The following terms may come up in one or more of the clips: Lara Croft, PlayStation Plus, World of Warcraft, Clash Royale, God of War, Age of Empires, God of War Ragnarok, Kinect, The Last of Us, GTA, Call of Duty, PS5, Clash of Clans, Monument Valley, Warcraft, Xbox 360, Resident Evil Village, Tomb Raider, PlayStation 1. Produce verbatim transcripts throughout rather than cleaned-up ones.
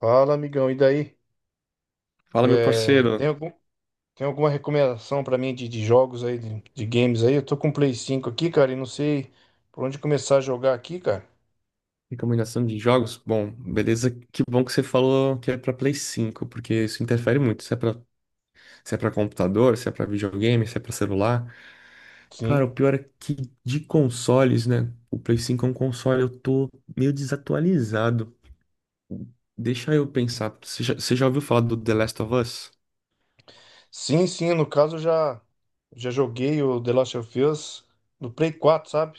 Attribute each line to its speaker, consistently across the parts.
Speaker 1: Fala, amigão, e daí?
Speaker 2: Fala, meu
Speaker 1: É, tem
Speaker 2: parceiro.
Speaker 1: algum, tem alguma recomendação pra mim de, de jogos aí, de, de games aí? Eu tô com o Play cinco aqui, cara, e não sei por onde começar a jogar aqui, cara.
Speaker 2: Recomendação de jogos? Bom, beleza. Que bom que você falou que é pra Play cinco porque isso interfere muito. Se é pra, se é pra computador, se é pra videogame, se é pra celular. Cara,
Speaker 1: Sim.
Speaker 2: o pior é que de consoles, né? O Play cinco é um console, eu tô meio desatualizado. Deixa eu pensar. Você já, você já ouviu falar do The Last of Us?
Speaker 1: Sim, sim, no caso eu já já joguei o The Last of Us no Play quatro, sabe?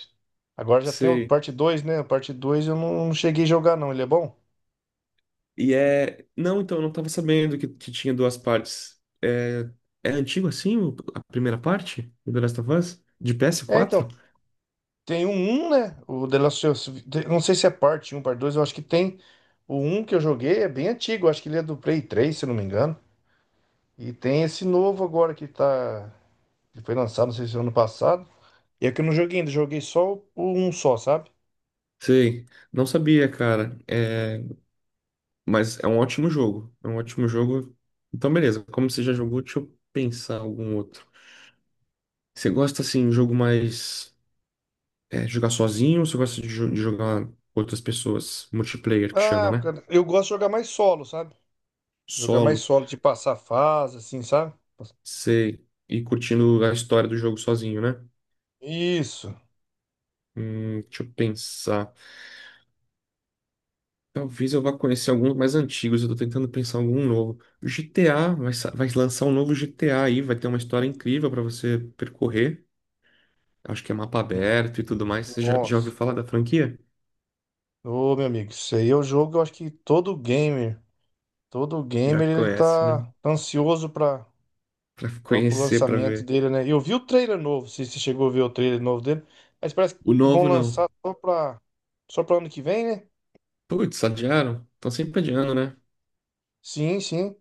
Speaker 1: Agora já tem o
Speaker 2: Sei.
Speaker 1: parte dois, né? A parte dois eu não, não cheguei a jogar não. Ele é bom?
Speaker 2: E é. Não, então, eu não tava sabendo que, que tinha duas partes. É... é antigo assim, o- a primeira parte do The Last of Us? De ps
Speaker 1: É,
Speaker 2: quatro.
Speaker 1: então, tem um 1, né? O The Last of Us, de- não sei se é parte um parte dois, eu acho que tem o um que eu joguei, é bem antigo, eu acho que ele é do Play três, se eu não me engano. E tem esse novo agora que tá. Que foi lançado, não sei se é ano passado. E é que eu não joguei ainda, joguei só o- um só, sabe?
Speaker 2: Sei, não sabia, cara. É... Mas é um ótimo jogo. É um ótimo jogo. Então, beleza. Como você já jogou, deixa eu pensar algum outro. Você gosta, assim, de jogo mais. É, jogar sozinho ou você gosta de, jo- de jogar com outras pessoas? Multiplayer, que chama,
Speaker 1: Ah,
Speaker 2: né?
Speaker 1: cara, eu gosto de jogar mais solo, sabe? Jogar mais
Speaker 2: Solo.
Speaker 1: solo, de passar fase, assim, sabe?
Speaker 2: Sei. E curtindo a história do jogo sozinho, né?
Speaker 1: Isso.
Speaker 2: Hum, deixa eu pensar. Talvez eu vá conhecer alguns mais antigos, eu tô tentando pensar em algum novo. O G T A, vai, sa- vai lançar um novo G T A aí, vai ter uma história incrível pra você percorrer. Acho que é mapa aberto e tudo mais. Você já, já ouviu
Speaker 1: Nossa.
Speaker 2: falar da franquia?
Speaker 1: Ô, meu amigo, isso aí é o jogo, eu acho que todo gamer, todo
Speaker 2: Já
Speaker 1: gamer, ele
Speaker 2: conhece, né?
Speaker 1: tá tá ansioso pra,
Speaker 2: Pra
Speaker 1: pra, pro
Speaker 2: conhecer, pra
Speaker 1: lançamento
Speaker 2: ver.
Speaker 1: dele, né? Eu vi o trailer novo, se você chegou a ver o trailer novo dele, mas parece
Speaker 2: O
Speaker 1: que vão
Speaker 2: novo não.
Speaker 1: lançar só pra, só pra ano que vem, né?
Speaker 2: Putz, adiaram? Estão sempre adiando, né?
Speaker 1: Sim, sim.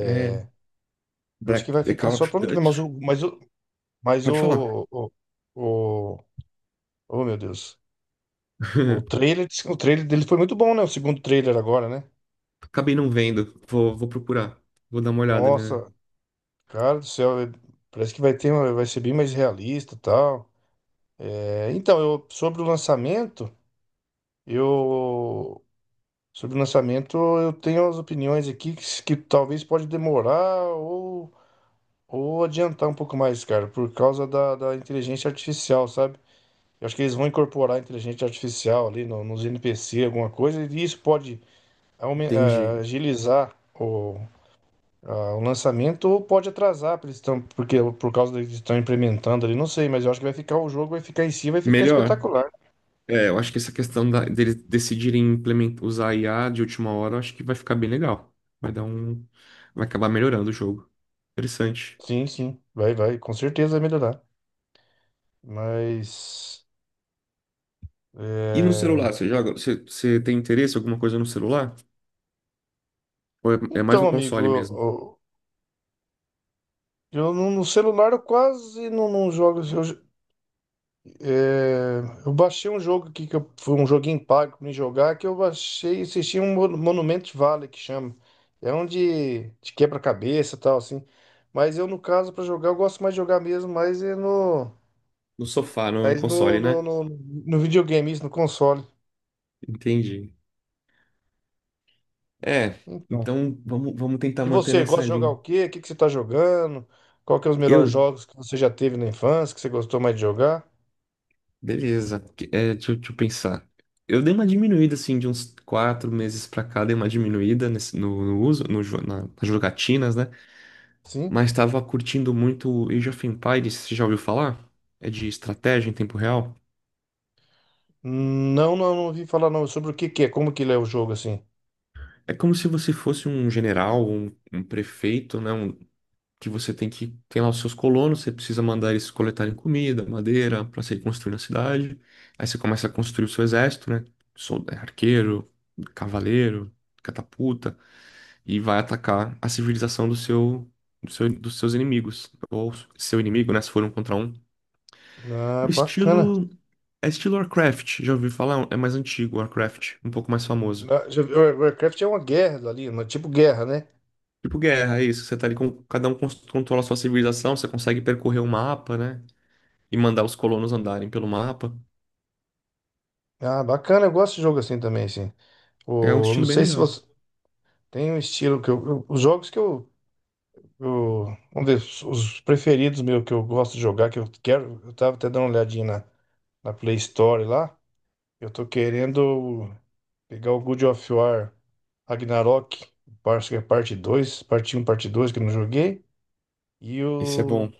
Speaker 2: É.
Speaker 1: eu acho que
Speaker 2: Black,
Speaker 1: vai
Speaker 2: The
Speaker 1: ficar
Speaker 2: Call
Speaker 1: só
Speaker 2: of
Speaker 1: para ano que vem,
Speaker 2: Duty.
Speaker 1: mas o, mas o, mas
Speaker 2: Pode falar.
Speaker 1: o, o, o- oh, meu Deus, o trailer, o trailer dele foi muito bom, né? O segundo trailer agora, né?
Speaker 2: Acabei não vendo. Vou, vou procurar. Vou dar uma olhada, né?
Speaker 1: Nossa, cara do céu, é- parece que vai ter, uma- vai ser bem mais realista, e tal. É, então, eu sobre o lançamento, eu sobre o lançamento eu tenho as opiniões aqui que, s- que talvez pode demorar ou ou adiantar um pouco mais, cara, por causa da, da inteligência artificial, sabe? Eu acho que eles vão incorporar a inteligência artificial ali no- nos N P C, alguma coisa, e isso pode aumen-
Speaker 2: Entendi.
Speaker 1: ah, agilizar o, ah, o lançamento ou pode atrasar, porque, eles estão, porque por causa deles estão implementando ali, não sei, mas eu acho que vai ficar o jogo, vai ficar em si, vai ficar
Speaker 2: Melhor.
Speaker 1: espetacular.
Speaker 2: É, eu acho que essa questão da- deles decidirem implementar, usar a I A de última hora, eu acho que vai ficar bem legal. Vai dar um. Vai acabar melhorando o jogo. Interessante.
Speaker 1: Sim, sim, vai, vai, com certeza vai melhorar. Mas.
Speaker 2: E no
Speaker 1: É.
Speaker 2: celular, você joga? Você, você tem interesse em alguma coisa no celular? Ou é, é mais
Speaker 1: Então,
Speaker 2: no
Speaker 1: amigo,
Speaker 2: console mesmo?
Speaker 1: eu, eu no no celular eu quase não, não jogo. Eu. É, eu baixei um jogo aqui que eu- foi um joguinho pago pra me jogar que eu baixei e assisti um Mon- Monument Valley, que chama. É um de, de quebra-cabeça e tal, assim. Mas eu, no caso, pra jogar eu gosto mais de jogar mesmo, mas é no
Speaker 2: No sofá, no, no
Speaker 1: mas no,
Speaker 2: console,
Speaker 1: no,
Speaker 2: né?
Speaker 1: no, no videogame, isso no console.
Speaker 2: Entendi. É,
Speaker 1: Então.
Speaker 2: então vamos, vamos tentar
Speaker 1: E
Speaker 2: manter
Speaker 1: você gosta
Speaker 2: nessa
Speaker 1: de jogar o
Speaker 2: linha.
Speaker 1: quê? O que que você tá jogando? Qual que é os melhores
Speaker 2: Eu?
Speaker 1: jogos que você já teve na infância, que você gostou mais de jogar?
Speaker 2: Beleza. Que- É, deixa, eu- deixa eu pensar. Eu dei uma diminuída, assim, de uns quatro meses pra cá, dei uma diminuída nesse- no, no uso, no, jo- na- nas jogatinas, né?
Speaker 1: Sim?
Speaker 2: Mas estava curtindo muito Age of Empires, você já ouviu falar? É de estratégia em tempo real.
Speaker 1: Não, não, não ouvi falar não, sobre o que que é, como que ele é o jogo, assim.
Speaker 2: É como se você fosse um general, um, um prefeito, né? Um- que você tem que tem lá os seus colonos, você precisa mandar eles coletarem comida, madeira, para você ir construindo a cidade. Aí você começa a construir o seu exército, né? Sol- é, arqueiro, cavaleiro, catapulta, e vai atacar a civilização do seu, do seu- dos seus inimigos. Ou seu inimigo, né? Se for um contra um.
Speaker 1: Ah,
Speaker 2: No
Speaker 1: bacana.
Speaker 2: estilo. É estilo Warcraft, já ouvi falar? É mais antigo, Warcraft, um pouco mais famoso.
Speaker 1: Na- já vi- Warcraft é uma guerra ali, uma tipo guerra, né?
Speaker 2: Tipo guerra, é isso. Você tá ali com. Cada um cons- controla a sua civilização, você consegue percorrer o mapa, né? E mandar os colonos andarem pelo mapa.
Speaker 1: Ah, bacana, eu gosto de jogo assim também, assim.
Speaker 2: É um
Speaker 1: O, não
Speaker 2: estilo bem
Speaker 1: sei se
Speaker 2: legal.
Speaker 1: você tem um estilo que eu, eu- os jogos que eu, eu- vamos ver, os os preferidos meu que eu gosto de jogar, que eu quero, eu tava até dando uma olhadinha na, na Play Store lá. Eu tô querendo pegar o God of War Ragnarok, parte, é parte dois, parte um, parte dois que eu não joguei, e
Speaker 2: Esse é
Speaker 1: o
Speaker 2: bom.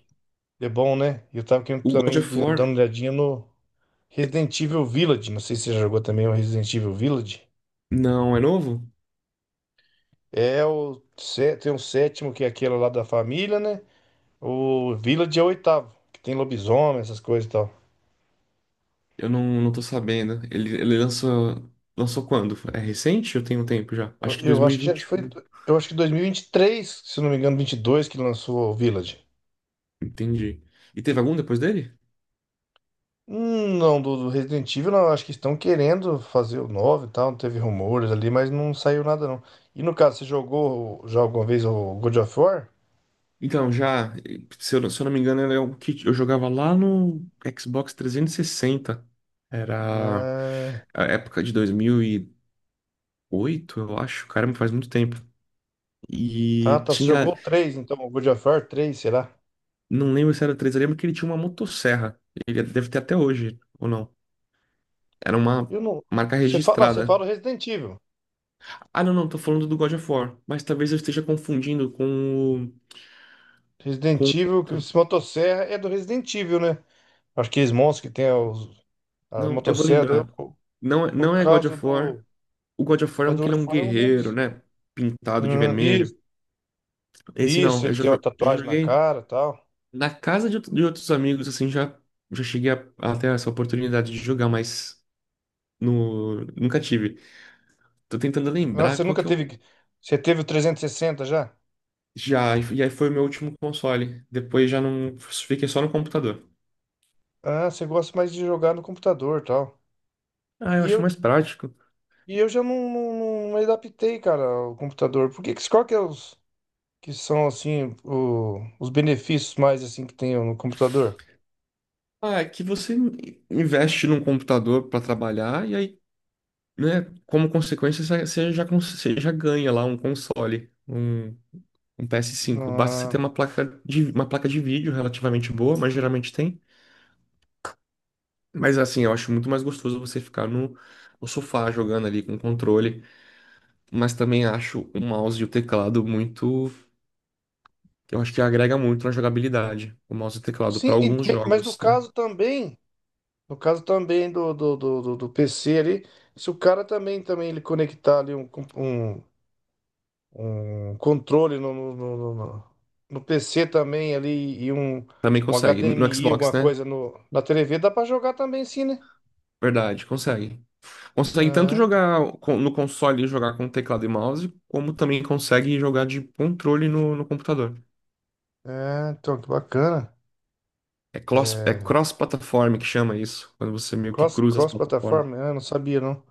Speaker 1: The Bom, né? E eu tava querendo
Speaker 2: O God
Speaker 1: também
Speaker 2: of War.
Speaker 1: dando uma olhadinha no
Speaker 2: É-
Speaker 1: Resident Evil Village, não sei se você já jogou também o Resident Evil Village.
Speaker 2: Não, é novo?
Speaker 1: É o sé- tem o sétimo, que é aquele lá da família, né? O Village é o oitavo, que tem lobisomem, essas coisas e tal.
Speaker 2: Eu não, não tô sabendo. Ele, ele lançou. Lançou quando? É recente? Eu tenho um tempo já.
Speaker 1: Eu
Speaker 2: Acho que
Speaker 1: eu acho que já foi,
Speaker 2: dois mil e vinte e um.
Speaker 1: eu acho que dois mil e vinte e três, se eu não me engano, vinte e dois, que lançou o Village.
Speaker 2: Entendi. E teve algum depois dele?
Speaker 1: Hum, Não, do, do Resident Evil, não, acho que estão querendo fazer o nove e tal, teve rumores ali, mas não saiu nada não. E, no caso, você jogou já alguma vez o God of War?
Speaker 2: Então, já, se eu, se eu não me engano, era o que eu jogava lá no Xbox trezentos e sessenta. Era
Speaker 1: É.
Speaker 2: a época de dois mil e oito, eu acho. Caramba, faz muito tempo.
Speaker 1: Ah,
Speaker 2: E
Speaker 1: tá, você jogou
Speaker 2: tinha,
Speaker 1: o três, então, o God of War três, será?
Speaker 2: não lembro se era três, eu lembro que ele tinha uma motosserra. Ele deve ter até hoje, ou não. Era uma
Speaker 1: Eu não.
Speaker 2: marca
Speaker 1: Você fala, você
Speaker 2: registrada.
Speaker 1: fala do Resident Evil.
Speaker 2: Ah, não, não, tô falando do God of War. Mas talvez eu esteja confundindo com o.
Speaker 1: Resident
Speaker 2: Com...
Speaker 1: Evil, que esse motosserra é do Resident Evil, né? Acho que eles monstros que tem os, a
Speaker 2: Não, eu vou
Speaker 1: motosserra.
Speaker 2: lembrar.
Speaker 1: Eu-
Speaker 2: Não, é-
Speaker 1: no
Speaker 2: não é God
Speaker 1: caso
Speaker 2: of War.
Speaker 1: do.
Speaker 2: O God of
Speaker 1: No
Speaker 2: War é
Speaker 1: caso
Speaker 2: um
Speaker 1: do
Speaker 2: que ele
Speaker 1: World
Speaker 2: é um
Speaker 1: of, eu não lembro
Speaker 2: guerreiro,
Speaker 1: disso.
Speaker 2: né? Pintado de
Speaker 1: Hum,
Speaker 2: vermelho.
Speaker 1: isso,
Speaker 2: Esse
Speaker 1: isso,
Speaker 2: não, eu
Speaker 1: ele
Speaker 2: já,
Speaker 1: tem uma
Speaker 2: jo- já
Speaker 1: tatuagem na
Speaker 2: joguei
Speaker 1: cara e tal.
Speaker 2: na casa de, outro- de outros amigos, assim, já, já cheguei a, a ter essa oportunidade de jogar, mas no, nunca tive. Tô tentando
Speaker 1: Ah,
Speaker 2: lembrar
Speaker 1: você
Speaker 2: qual
Speaker 1: nunca
Speaker 2: que eu
Speaker 1: teve. Você teve o trezentos e sessenta já?
Speaker 2: já. E aí foi o meu último console. Depois já não. Fiquei só no computador.
Speaker 1: Ah, você gosta mais de jogar no computador e tal.
Speaker 2: Ah, eu
Speaker 1: E
Speaker 2: acho
Speaker 1: eu,
Speaker 2: mais prático.
Speaker 1: e eu já não, não, não adaptei, cara, o computador. Por que, que- qual que é os, que são assim o- os benefícios mais, assim, que tem no computador.
Speaker 2: Ah, é que você in- investe num computador para trabalhar e aí, né, como consequência, você você já, cons- você já ganha lá um console. Um. Um P S cinco. Basta você ter
Speaker 1: Ah,
Speaker 2: uma placa de, uma placa de vídeo relativamente boa, mas geralmente tem. Mas assim, eu acho muito mais gostoso você ficar no, no sofá jogando ali com o controle. Mas também acho o mouse e o teclado muito. Eu acho que agrega muito na jogabilidade. O mouse e o teclado,
Speaker 1: sim,
Speaker 2: para
Speaker 1: e-
Speaker 2: alguns
Speaker 1: mas no
Speaker 2: jogos, né?
Speaker 1: caso também, no caso também do, do, do, do- do P C ali, se o cara também também ele conectar ali um, com- um, um controle no, no, no, no- no- no P C também ali e um,
Speaker 2: Também
Speaker 1: um
Speaker 2: consegue. No
Speaker 1: H D M I,
Speaker 2: Xbox,
Speaker 1: alguma
Speaker 2: né?
Speaker 1: coisa no, na tevê, dá para jogar também, sim, né?
Speaker 2: Verdade, consegue. Consegue tanto
Speaker 1: É, então-
Speaker 2: jogar com- no console e jogar com teclado e mouse, como também consegue jogar de controle no, no computador.
Speaker 1: é, então que bacana.
Speaker 2: É cross, é
Speaker 1: É,
Speaker 2: cross-plataforma que chama isso, quando você meio que
Speaker 1: cross,
Speaker 2: cruza as
Speaker 1: cross
Speaker 2: plataformas
Speaker 1: plataforma, eu não sabia não.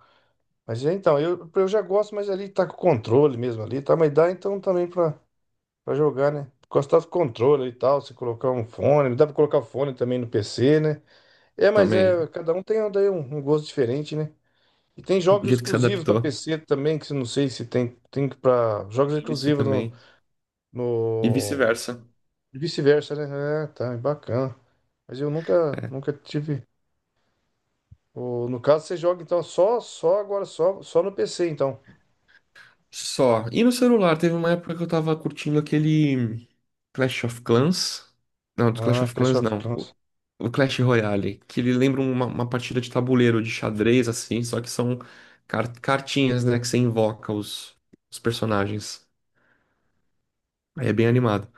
Speaker 1: Mas é, então, eu, eu já gosto, mas ali tá com controle mesmo ali, tá? Mas dá então também pra, pra jogar, né? Gostar do controle e tal, se colocar um fone, dá pra colocar fone também no P C, né? É, mas
Speaker 2: também.
Speaker 1: é, cada um tem um, daí um, um gosto diferente, né? E tem
Speaker 2: Do
Speaker 1: jogos
Speaker 2: jeito que se
Speaker 1: exclusivos pra
Speaker 2: adaptou.
Speaker 1: P C também, que eu não sei se tem, tem para jogos
Speaker 2: Tem isso
Speaker 1: exclusivos no,
Speaker 2: também. E
Speaker 1: no
Speaker 2: vice-versa.
Speaker 1: e vice-versa, né? É, tá, é bacana. Mas eu nunca,
Speaker 2: É.
Speaker 1: nunca tive. O- no caso, você joga então só, só agora, só, só no P C, então.
Speaker 2: Só. E no celular, teve uma época que eu tava curtindo aquele Clash of Clans. Não, do Clash
Speaker 1: Ah,
Speaker 2: of
Speaker 1: Clash
Speaker 2: Clans
Speaker 1: of
Speaker 2: não. O,
Speaker 1: Clans.
Speaker 2: o Clash Royale, que ele lembra uma, uma partida de tabuleiro, de xadrez, assim, só que são car- cartinhas, né, que você invoca os, os personagens. Aí é bem animado.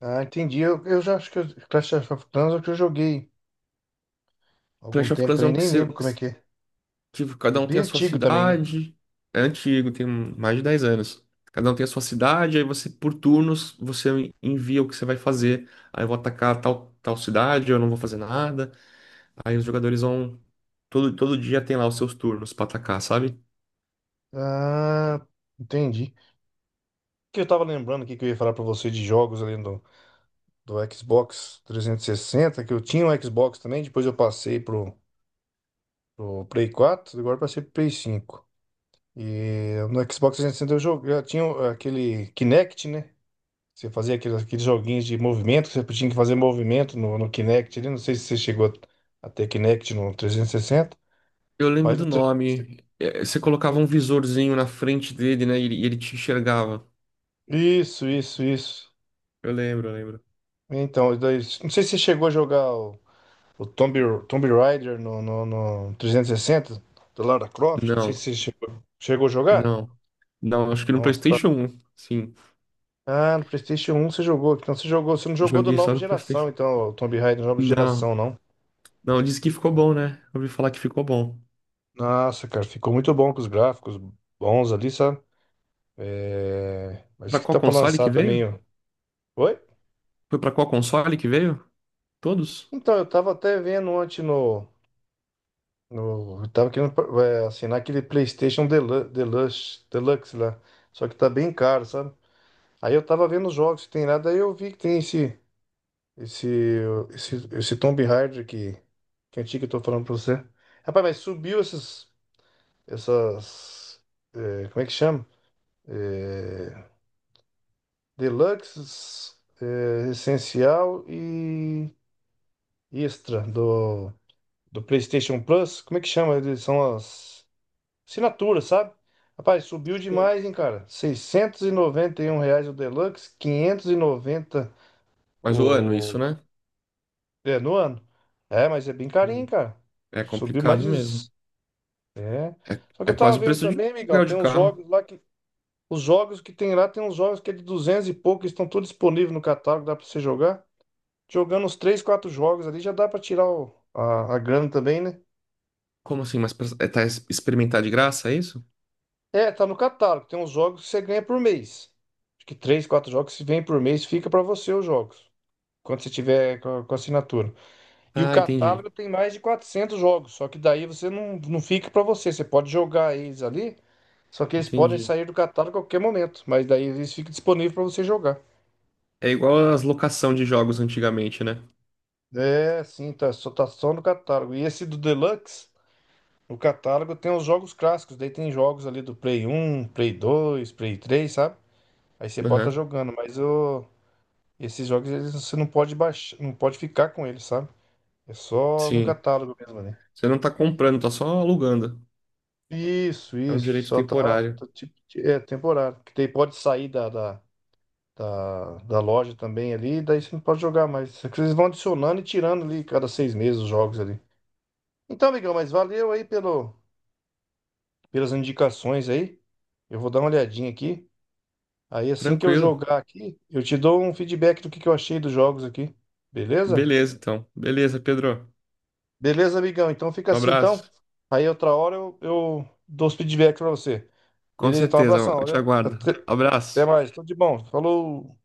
Speaker 1: Ah, entendi. Eu, eu já acho que eu- Clash of Clans é o que eu joguei há algum
Speaker 2: Clash of
Speaker 1: tempo
Speaker 2: Clans é
Speaker 1: também,
Speaker 2: um que
Speaker 1: nem
Speaker 2: você.
Speaker 1: lembro como é que é.
Speaker 2: Tipo,
Speaker 1: É
Speaker 2: cada um
Speaker 1: bem
Speaker 2: tem a sua
Speaker 1: antigo também, né?
Speaker 2: cidade. É antigo, tem mais de dez anos. Cada um tem a sua cidade, aí você, por turnos, você envia o que você vai fazer. Aí eu vou atacar tal, tal cidade, eu não vou fazer nada. Aí os jogadores vão. Todo, todo dia tem lá os seus turnos pra atacar, sabe?
Speaker 1: Ah, entendi. O que eu tava lembrando aqui que eu ia falar pra você de jogos ali do, do Xbox trezentos e sessenta, que eu tinha um Xbox também, depois eu passei pro, pro Play quatro, agora eu passei pro Play cinco. E no Xbox trezentos e sessenta eu joguei, eu tinha o- aquele Kinect, né? Você fazia aqueles, aqueles joguinhos de movimento, que você tinha que fazer movimento no, no Kinect ali. Não sei se você chegou a ter Kinect no trezentos e sessenta,
Speaker 2: Eu lembro
Speaker 1: mas
Speaker 2: do
Speaker 1: no trezentos e sessenta.
Speaker 2: nome. É, você colocava um visorzinho na frente dele, né? E ele, e ele te enxergava.
Speaker 1: Isso, isso, isso.
Speaker 2: Eu lembro, eu lembro.
Speaker 1: Então, daí- não sei se você chegou a jogar o, o Tomb, Tomb Raider no, no, no trezentos e sessenta, do Lara Croft. Não sei se
Speaker 2: Não,
Speaker 1: você chegou, chegou a jogar.
Speaker 2: não. Não, acho que no
Speaker 1: Nossa, ba-
Speaker 2: PlayStation um. Sim.
Speaker 1: ah, no PlayStation um você jogou. Então você jogou, você não jogou da
Speaker 2: Joguei só
Speaker 1: nova
Speaker 2: no
Speaker 1: geração,
Speaker 2: PlayStation
Speaker 1: então, o Tomb Raider da nova
Speaker 2: um. Não,
Speaker 1: geração, não.
Speaker 2: Não, disse que ficou bom, né? Ouvi falar que ficou bom.
Speaker 1: Nossa, cara, ficou muito bom, com os gráficos bons ali, sabe? É, mas
Speaker 2: Pra
Speaker 1: que
Speaker 2: qual
Speaker 1: tá pra
Speaker 2: console
Speaker 1: lançar
Speaker 2: que
Speaker 1: também,
Speaker 2: veio?
Speaker 1: ó. Oi?
Speaker 2: Foi pra qual console que veio? Todos?
Speaker 1: Então, eu tava até vendo ontem no. No, eu tava querendo é, assinar aquele PlayStation Delu- Deluxe, Deluxe lá. Só que tá bem caro, sabe? Aí eu tava vendo os jogos que tem lá, daí eu vi que tem esse. Esse. Esse, esse Tomb Raider que. Que é antigo, eu tô falando pra você. Rapaz, mas subiu esses. Essas. É, como é que chama? É, Deluxe, é, Essencial e. Extra do, do PlayStation Plus. Como é que chama? Eles são as assinaturas, sabe? Rapaz, subiu
Speaker 2: Sim.
Speaker 1: demais, hein, cara? Seiscentos e noventa e um reais o Deluxe, quinhentos e noventa
Speaker 2: Mas o ano, isso,
Speaker 1: o...
Speaker 2: né?
Speaker 1: É, no ano. É, mas é bem carinho,
Speaker 2: Sim.
Speaker 1: cara.
Speaker 2: É
Speaker 1: Subiu mais
Speaker 2: complicado
Speaker 1: de...
Speaker 2: mesmo.
Speaker 1: É.
Speaker 2: É,
Speaker 1: Só que
Speaker 2: é
Speaker 1: eu tava
Speaker 2: quase o
Speaker 1: vendo
Speaker 2: preço de um
Speaker 1: também, amigão,
Speaker 2: aluguel
Speaker 1: tem
Speaker 2: de
Speaker 1: uns
Speaker 2: carro.
Speaker 1: jogos lá que... Os jogos que tem lá, tem uns jogos que é de duzentos e pouco, estão todos disponíveis no catálogo, dá pra você jogar. Jogando uns três, quatro jogos ali, já dá pra tirar o- a, a grana também, né?
Speaker 2: Como assim? Mas pra- é, tá es- experimentar de graça, é isso?
Speaker 1: É, tá no catálogo. Tem uns jogos que você ganha por mês. Acho que três, quatro jogos que vem por mês, fica pra você os jogos, quando você tiver com a, com a assinatura. E o
Speaker 2: Ah, entendi.
Speaker 1: catálogo tem mais de quatrocentos jogos. Só que daí você não, não fica pra você. Você pode jogar eles ali. Só que eles podem
Speaker 2: Entendi.
Speaker 1: sair do catálogo a qualquer momento. Mas daí eles ficam disponíveis pra você jogar.
Speaker 2: É igual as locação de jogos antigamente, né?
Speaker 1: É, sim, tá só, tá só no catálogo. E esse do Deluxe, o catálogo tem os jogos clássicos. Daí tem jogos ali do Play um, Play dois, Play três, sabe? Aí você pode estar
Speaker 2: Aham.
Speaker 1: jogando, mas o. Esses jogos eles, você não pode baixar, não pode ficar com eles, sabe? É só no
Speaker 2: Sim.
Speaker 1: catálogo mesmo, né.
Speaker 2: Você não tá comprando, tá só alugando.
Speaker 1: Isso,
Speaker 2: É um
Speaker 1: isso.
Speaker 2: direito
Speaker 1: Só tá,
Speaker 2: temporário.
Speaker 1: tá tipo, é temporário. Porque daí pode sair da, da, da, da loja também ali, daí você não pode jogar mais. É que eles vão adicionando e tirando ali cada seis meses os jogos ali. Então, amigão, mas valeu aí pelo, pelas indicações aí. Eu vou dar uma olhadinha aqui. Aí assim que eu
Speaker 2: Tranquilo.
Speaker 1: jogar aqui, eu te dou um feedback do que que eu achei dos jogos aqui. Beleza?
Speaker 2: Beleza, então. Beleza, Pedro.
Speaker 1: Beleza, amigão? Então fica
Speaker 2: Um
Speaker 1: assim, então.
Speaker 2: abraço.
Speaker 1: Aí outra hora eu, eu dou os feedbacks pra você.
Speaker 2: Com
Speaker 1: Beleza? Então,
Speaker 2: certeza,
Speaker 1: abração.
Speaker 2: eu te
Speaker 1: Valeu?
Speaker 2: aguardo.
Speaker 1: Até, até
Speaker 2: Abraço.
Speaker 1: mais. Tudo de bom. Falou.